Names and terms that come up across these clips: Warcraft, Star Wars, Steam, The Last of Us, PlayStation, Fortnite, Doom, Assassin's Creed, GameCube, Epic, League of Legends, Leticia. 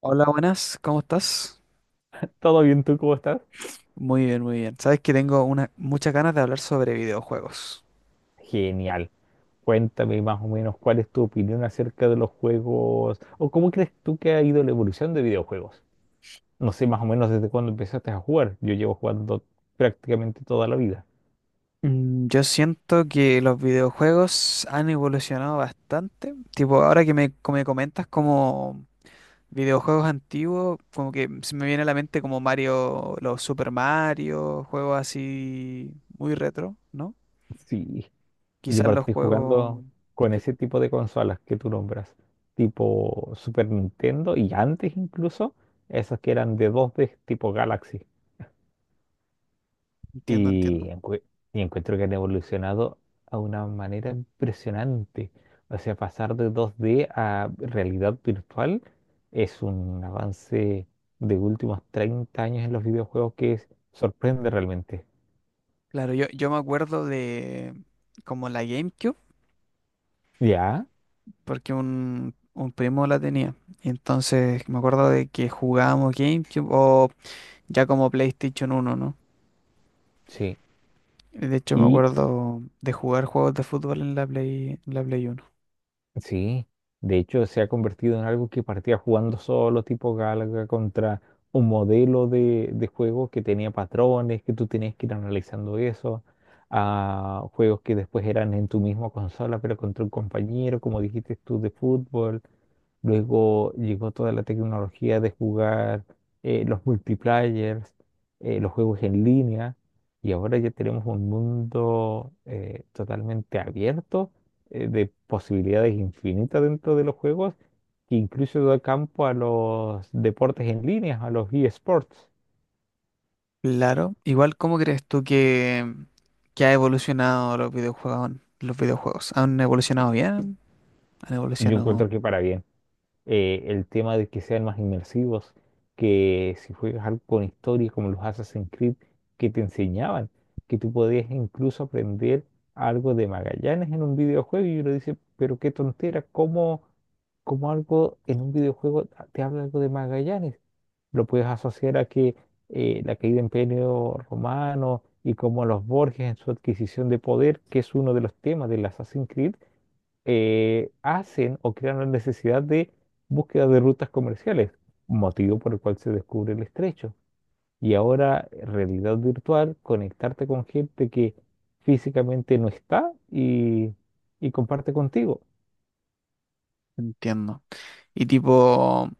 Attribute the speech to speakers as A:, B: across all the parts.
A: Hola, buenas, ¿cómo estás?
B: ¿Todo bien tú? ¿Cómo estás?
A: Muy bien, muy bien. Sabes que tengo muchas ganas de hablar sobre videojuegos.
B: Genial. Cuéntame más o menos cuál es tu opinión acerca de los juegos o cómo crees tú que ha ido la evolución de videojuegos. No sé más o menos desde cuándo empezaste a jugar. Yo llevo jugando prácticamente toda la vida.
A: Yo siento que los videojuegos han evolucionado bastante. Tipo, ahora que me comentas como videojuegos antiguos, como que se me viene a la mente como Mario, los Super Mario, juegos así muy retro, ¿no?
B: Sí, yo
A: Quizás los
B: partí
A: juegos.
B: jugando con
A: que-
B: ese tipo de consolas que tú nombras, tipo Super Nintendo y antes incluso esas que eran de dos d tipo Galaxy.
A: Entiendo,
B: Y,
A: entiendo.
B: encue- y encuentro que han evolucionado a una manera impresionante. O sea, pasar de 2D a realidad virtual es un avance de últimos 30 años en los videojuegos sorprende realmente.
A: Claro, yo me acuerdo de como la GameCube,
B: Ya,
A: porque un primo la tenía. Y entonces me acuerdo de que jugábamos GameCube o ya como PlayStation 1, ¿no?
B: sí.
A: De hecho me
B: Y
A: acuerdo de jugar juegos de fútbol en la Play, en la Play 1.
B: sí, de hecho se ha convertido en algo que partía jugando solo, tipo Galaga, contra un modelo de juego que tenía patrones, que tú tenías que ir analizando eso, a juegos que después eran en tu misma consola, pero contra un compañero, como dijiste tú, de fútbol. Luego llegó toda la tecnología de jugar los multiplayers, los juegos en línea, y ahora ya tenemos un mundo totalmente abierto de posibilidades infinitas dentro de los juegos, que incluso da campo a los deportes en línea, a los eSports.
A: Claro. Igual, ¿cómo crees tú que ha evolucionado los videojuegos? Los videojuegos. ¿Han evolucionado bien? ¿Han
B: Yo
A: evolucionado?
B: encuentro que para bien. El tema de que sean más inmersivos, que si juegas algo con historia como los Assassin's Creed que te enseñaban, que tú podías incluso aprender algo de Magallanes en un videojuego y uno dice, pero qué tontera, ¿cómo, cómo algo en un videojuego te habla algo de Magallanes? Lo puedes asociar a que la caída del Imperio Romano y como los Borges en su adquisición de poder, que es uno de los temas del Assassin's Creed hacen o crean la necesidad de búsqueda de rutas comerciales, motivo por el cual se descubre el estrecho. Y ahora, realidad virtual, conectarte con gente que físicamente no está y comparte contigo.
A: Entiendo. Y tipo,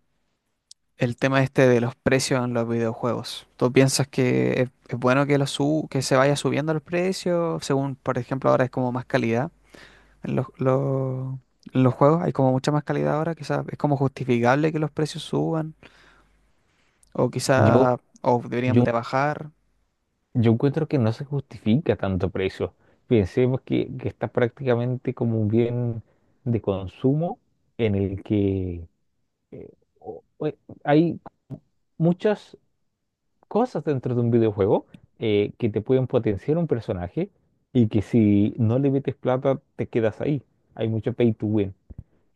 A: el tema este de los precios en los videojuegos. ¿Tú piensas que es bueno que se vaya subiendo los precios? Según, por ejemplo, ahora es como más calidad en los juegos, hay como mucha más calidad ahora, quizás es como justificable que los precios suban, o
B: Yo,
A: quizás o deberían de
B: yo,
A: bajar.
B: yo encuentro que no se justifica tanto precio. Pensemos que está prácticamente como un bien de consumo en el que eh, o- o- hay muchas cosas dentro de un videojuego que te pueden potenciar un personaje y que si no le metes plata te quedas ahí. Hay mucho pay to win.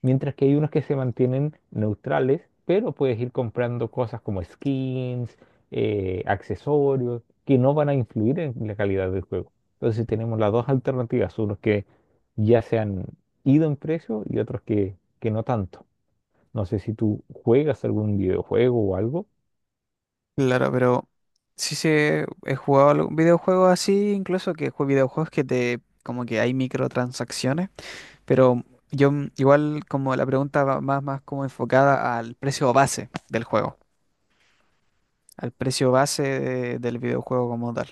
B: Mientras que hay unos que se mantienen neutrales, pero puedes ir comprando cosas como skins, accesorios, que no van a influir en la calidad del juego. Entonces tenemos las dos alternativas, unos que ya se han ido en precio y otros que no tanto. No sé si tú juegas algún videojuego o algo.
A: Claro, pero sí se he jugado algún videojuego así, incluso videojuegos que te como que hay microtransacciones. Pero yo igual como la pregunta va más como enfocada al precio base del juego, al precio base del videojuego como tal,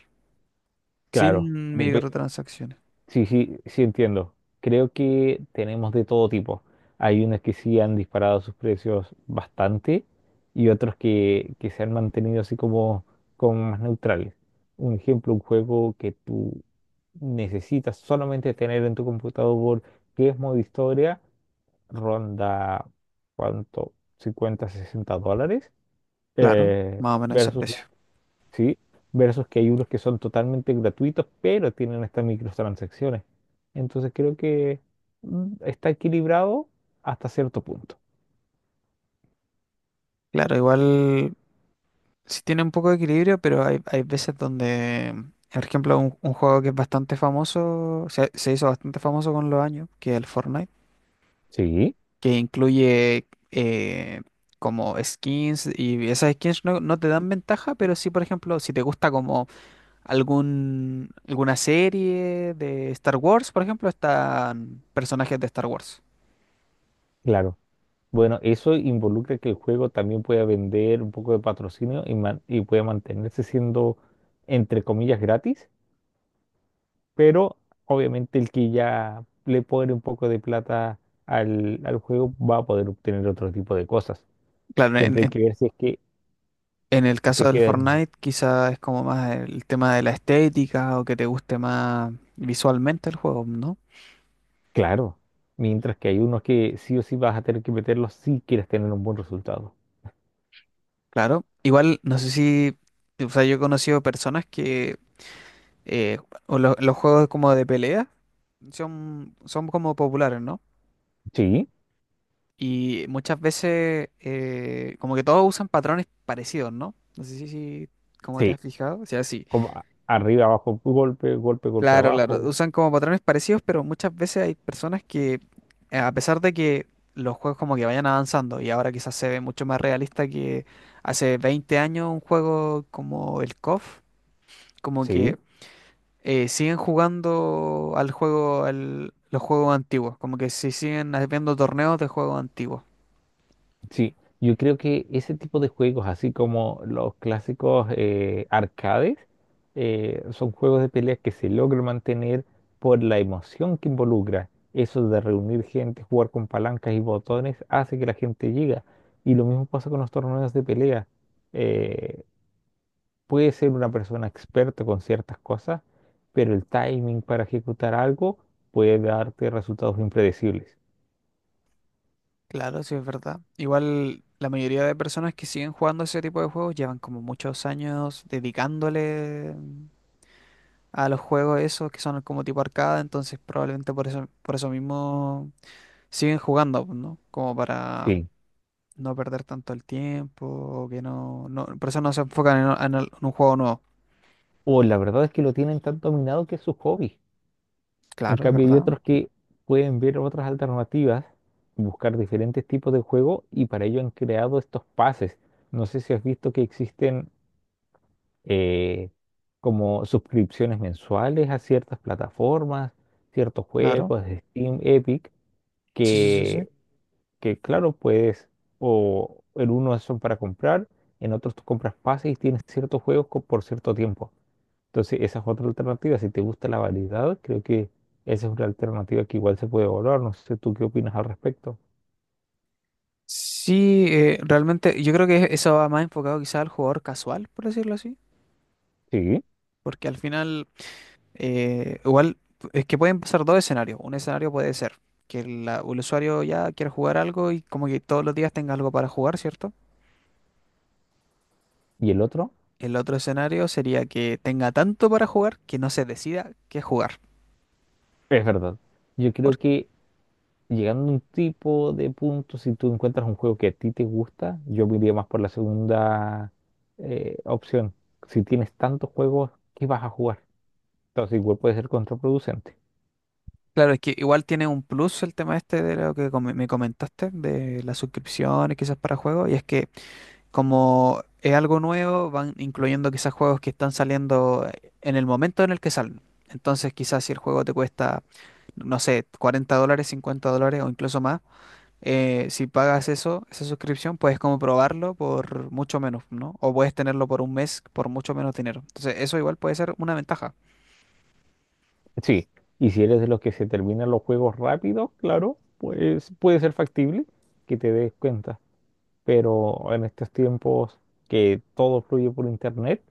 B: Claro,
A: sin
B: depe-
A: microtransacciones.
B: Sí, sí, sí, entiendo. Creo que tenemos de todo tipo. Hay unos que sí han disparado sus precios bastante y otros que se han mantenido así como, como más neutrales. Un ejemplo, un juego que tú necesitas solamente tener en tu computador, que es modo historia, ronda, ¿cuánto? 50 60 dólares.
A: Claro,
B: eh,
A: más o menos ese
B: Versus,
A: precio.
B: ¿sí? Versus que hay unos que son totalmente gratuitos, pero tienen estas microtransacciones. Entonces creo que está equilibrado hasta cierto punto.
A: Claro, igual sí tiene un poco de equilibrio, pero hay veces donde, por ejemplo, un juego que es bastante famoso, se hizo bastante famoso con los años, que es el Fortnite,
B: Sí,
A: que incluye como skins y esas skins no te dan ventaja, pero sí, por ejemplo, si te gusta como ¿Alguna serie de Star Wars, por ejemplo? Están personajes de Star Wars.
B: claro. Bueno, eso involucra que el juego también pueda vender un poco de patrocinio y pueda mantenerse siendo, entre comillas, gratis, pero obviamente el que ya le pone un poco de plata al juego va a poder obtener otro tipo de cosas.
A: Claro,
B: Siempre hay que ver si es que
A: en el caso
B: se
A: del
B: queda.
A: Fortnite quizá es como más el tema de la estética o que te guste más visualmente el juego, ¿no?
B: Claro, mientras que hay unos que sí o sí vas a tener que meterlos si quieres tener un buen resultado.
A: Claro. Igual, no sé si, o sea, yo he conocido personas que eh, los juegos como de pelea son como populares, ¿no?
B: Sí,
A: Y muchas veces, como que todos usan patrones parecidos, ¿no? No sé si como te has
B: sí,
A: fijado. O sea, sí.
B: como arriba, abajo, golpe, golpe, golpe,
A: Claro, claro.
B: abajo.
A: Usan como patrones parecidos, pero muchas veces hay personas que, a pesar de que los juegos como que vayan avanzando, y ahora quizás se ve mucho más realista que hace 20 años un juego como el CoF, como que
B: Sí,
A: siguen jugando los juegos antiguos, como que se siguen haciendo torneos de juegos antiguos.
B: sí. Yo creo que ese tipo de juegos, así como los clásicos arcades, son juegos de peleas que se logran mantener por la emoción que involucra. Eso de reunir gente, jugar con palancas y botones, hace que la gente llegue. Y lo mismo pasa con los torneos de pelea. Eh, Puede ser una persona experta con ciertas cosas, pero el timing para ejecutar algo puede darte resultados impredecibles.
A: Claro, sí es verdad. Igual la mayoría de personas que siguen jugando ese tipo de juegos llevan como muchos años dedicándole a los juegos esos que son como tipo arcada, entonces probablemente por eso mismo siguen jugando, pues, ¿no? Como para
B: Sí.
A: no perder tanto el tiempo, o que por eso no se enfocan en un juego nuevo.
B: O la verdad es que lo tienen tan dominado que es su hobby. En
A: Claro, es
B: cambio, hay
A: verdad.
B: otros que pueden ver otras alternativas, buscar diferentes tipos de juego y para ello han creado estos pases. No sé si has visto que existen eh, como suscripciones mensuales a ciertas plataformas, ciertos
A: Claro.
B: juegos, Steam, Epic,
A: Sí, sí, sí, sí.
B: que que claro, puedes, o en unos son para comprar, en otros tú compras pases y tienes ciertos juegos por cierto tiempo. Entonces, esa es otra alternativa. Si te gusta la variedad, creo que esa es una alternativa que igual se puede evaluar. No sé tú qué opinas al respecto.
A: Sí, realmente yo creo que eso va más enfocado quizá al jugador casual, por decirlo así,
B: Sí.
A: porque al final, igual es que pueden pasar dos escenarios. Un escenario puede ser que el usuario ya quiera jugar algo y como que todos los días tenga algo para jugar, ¿cierto?
B: ¿Y el otro?
A: El otro escenario sería que tenga tanto para jugar que no se decida qué jugar.
B: Es verdad. Yo creo
A: Porque,
B: que llegando a un tipo de punto, si tú encuentras un juego que a ti te gusta, yo me iría más por la segunda opción. Si tienes tantos juegos, ¿qué vas a jugar? Entonces, igual puede ser contraproducente.
A: claro, es que igual tiene un plus el tema este de lo que me comentaste, de las suscripciones quizás para juegos, y es que como es algo nuevo, van incluyendo quizás juegos que están saliendo en el momento en el que salen. Entonces quizás si el juego te cuesta, no sé, $40, $50 o incluso más, si pagas eso, esa suscripción, puedes como probarlo por mucho menos, ¿no? O puedes tenerlo por un mes por mucho menos dinero. Entonces, eso igual puede ser una ventaja.
B: Sí, y si eres de los que se terminan los juegos rápidos, claro, pues puede ser factible que te des cuenta. Pero en estos tiempos que todo fluye por internet,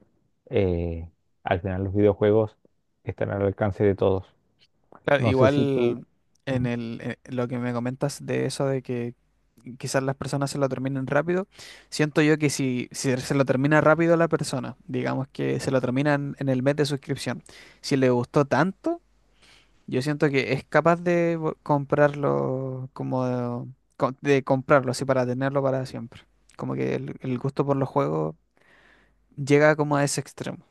B: eh, al final los videojuegos están al alcance de todos.
A: Claro,
B: No sé si tú...
A: igual lo que me comentas de eso de que quizás las personas se lo terminen rápido, siento yo que si se lo termina rápido la persona, digamos que se lo terminan en el mes de suscripción, si le gustó tanto, yo siento que es capaz de comprarlo, de comprarlo así para tenerlo para siempre. Como que el gusto por los juegos llega como a ese extremo.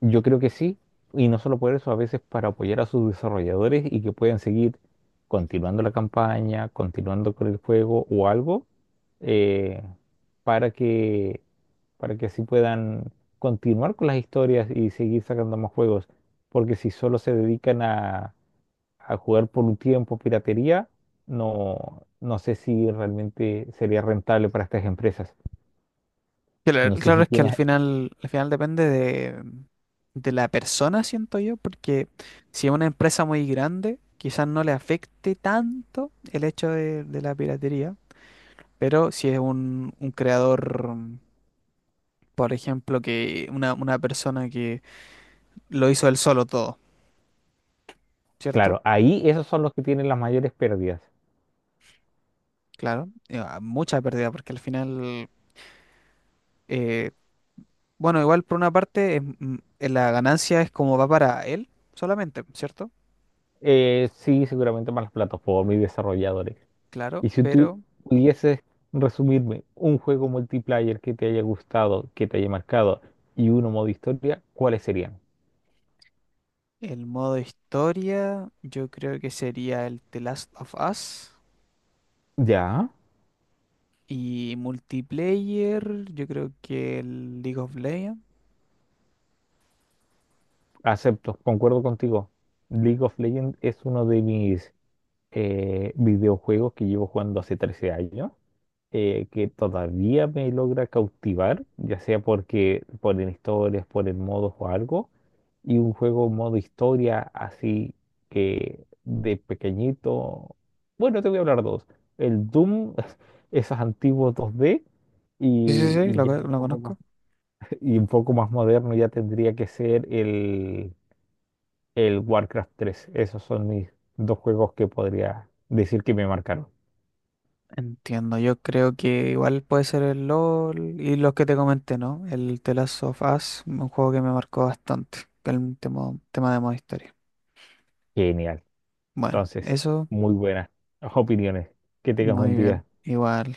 B: Yo creo que sí, y no solo por eso, a veces para apoyar a sus desarrolladores y que puedan seguir continuando la campaña, continuando con el juego o algo, eh, para que, para que así puedan continuar con las historias y seguir sacando más juegos. Porque si solo se dedican a jugar por un tiempo piratería, no, no sé si realmente sería rentable para estas empresas.
A: Claro,
B: No sé
A: claro
B: si
A: es que al
B: tienes...
A: final, al final depende de la persona, siento yo, porque si es una empresa muy grande, quizás no le afecte tanto el hecho de la piratería, pero si es un creador, por ejemplo, que una persona que lo hizo él solo todo, ¿cierto?
B: Claro, ahí esos son los que tienen las mayores pérdidas.
A: Claro, ah, mucha pérdida, porque al final, eh, bueno, igual por una parte, la ganancia es como va para él solamente, ¿cierto?
B: Sí, seguramente más las plataformas y desarrolladores.
A: Claro,
B: Y si tú
A: pero
B: pudieses resumirme un juego multiplayer que te haya gustado, que te haya marcado, y uno modo historia, ¿cuáles serían?
A: el modo historia yo creo que sería el The Last of Us
B: Ya.
A: y multiplayer, yo creo que el League of Legends.
B: Acepto, concuerdo contigo. League of Legends es uno de mis videojuegos que llevo jugando hace 13 años. Que todavía me logra cautivar, ya sea porque por en historias, por el modo o algo, y un juego modo historia así que de pequeñito, bueno, te voy a hablar dos, el Doom, esos antiguos 2D,
A: Sí, sí, sí,
B: y ya un
A: lo
B: poco más,
A: conozco.
B: y un poco más moderno ya tendría que ser el Warcraft 3. Esos son mis dos juegos que podría decir que me marcaron.
A: Entiendo, yo creo que igual puede ser el LOL y los que te comenté, ¿no? El The Last of Us, un juego que me marcó bastante, el tema de modo historia.
B: Genial.
A: Bueno,
B: Entonces,
A: eso,
B: muy buenas opiniones. Que tengas
A: muy
B: buen
A: bien,
B: día.
A: igual.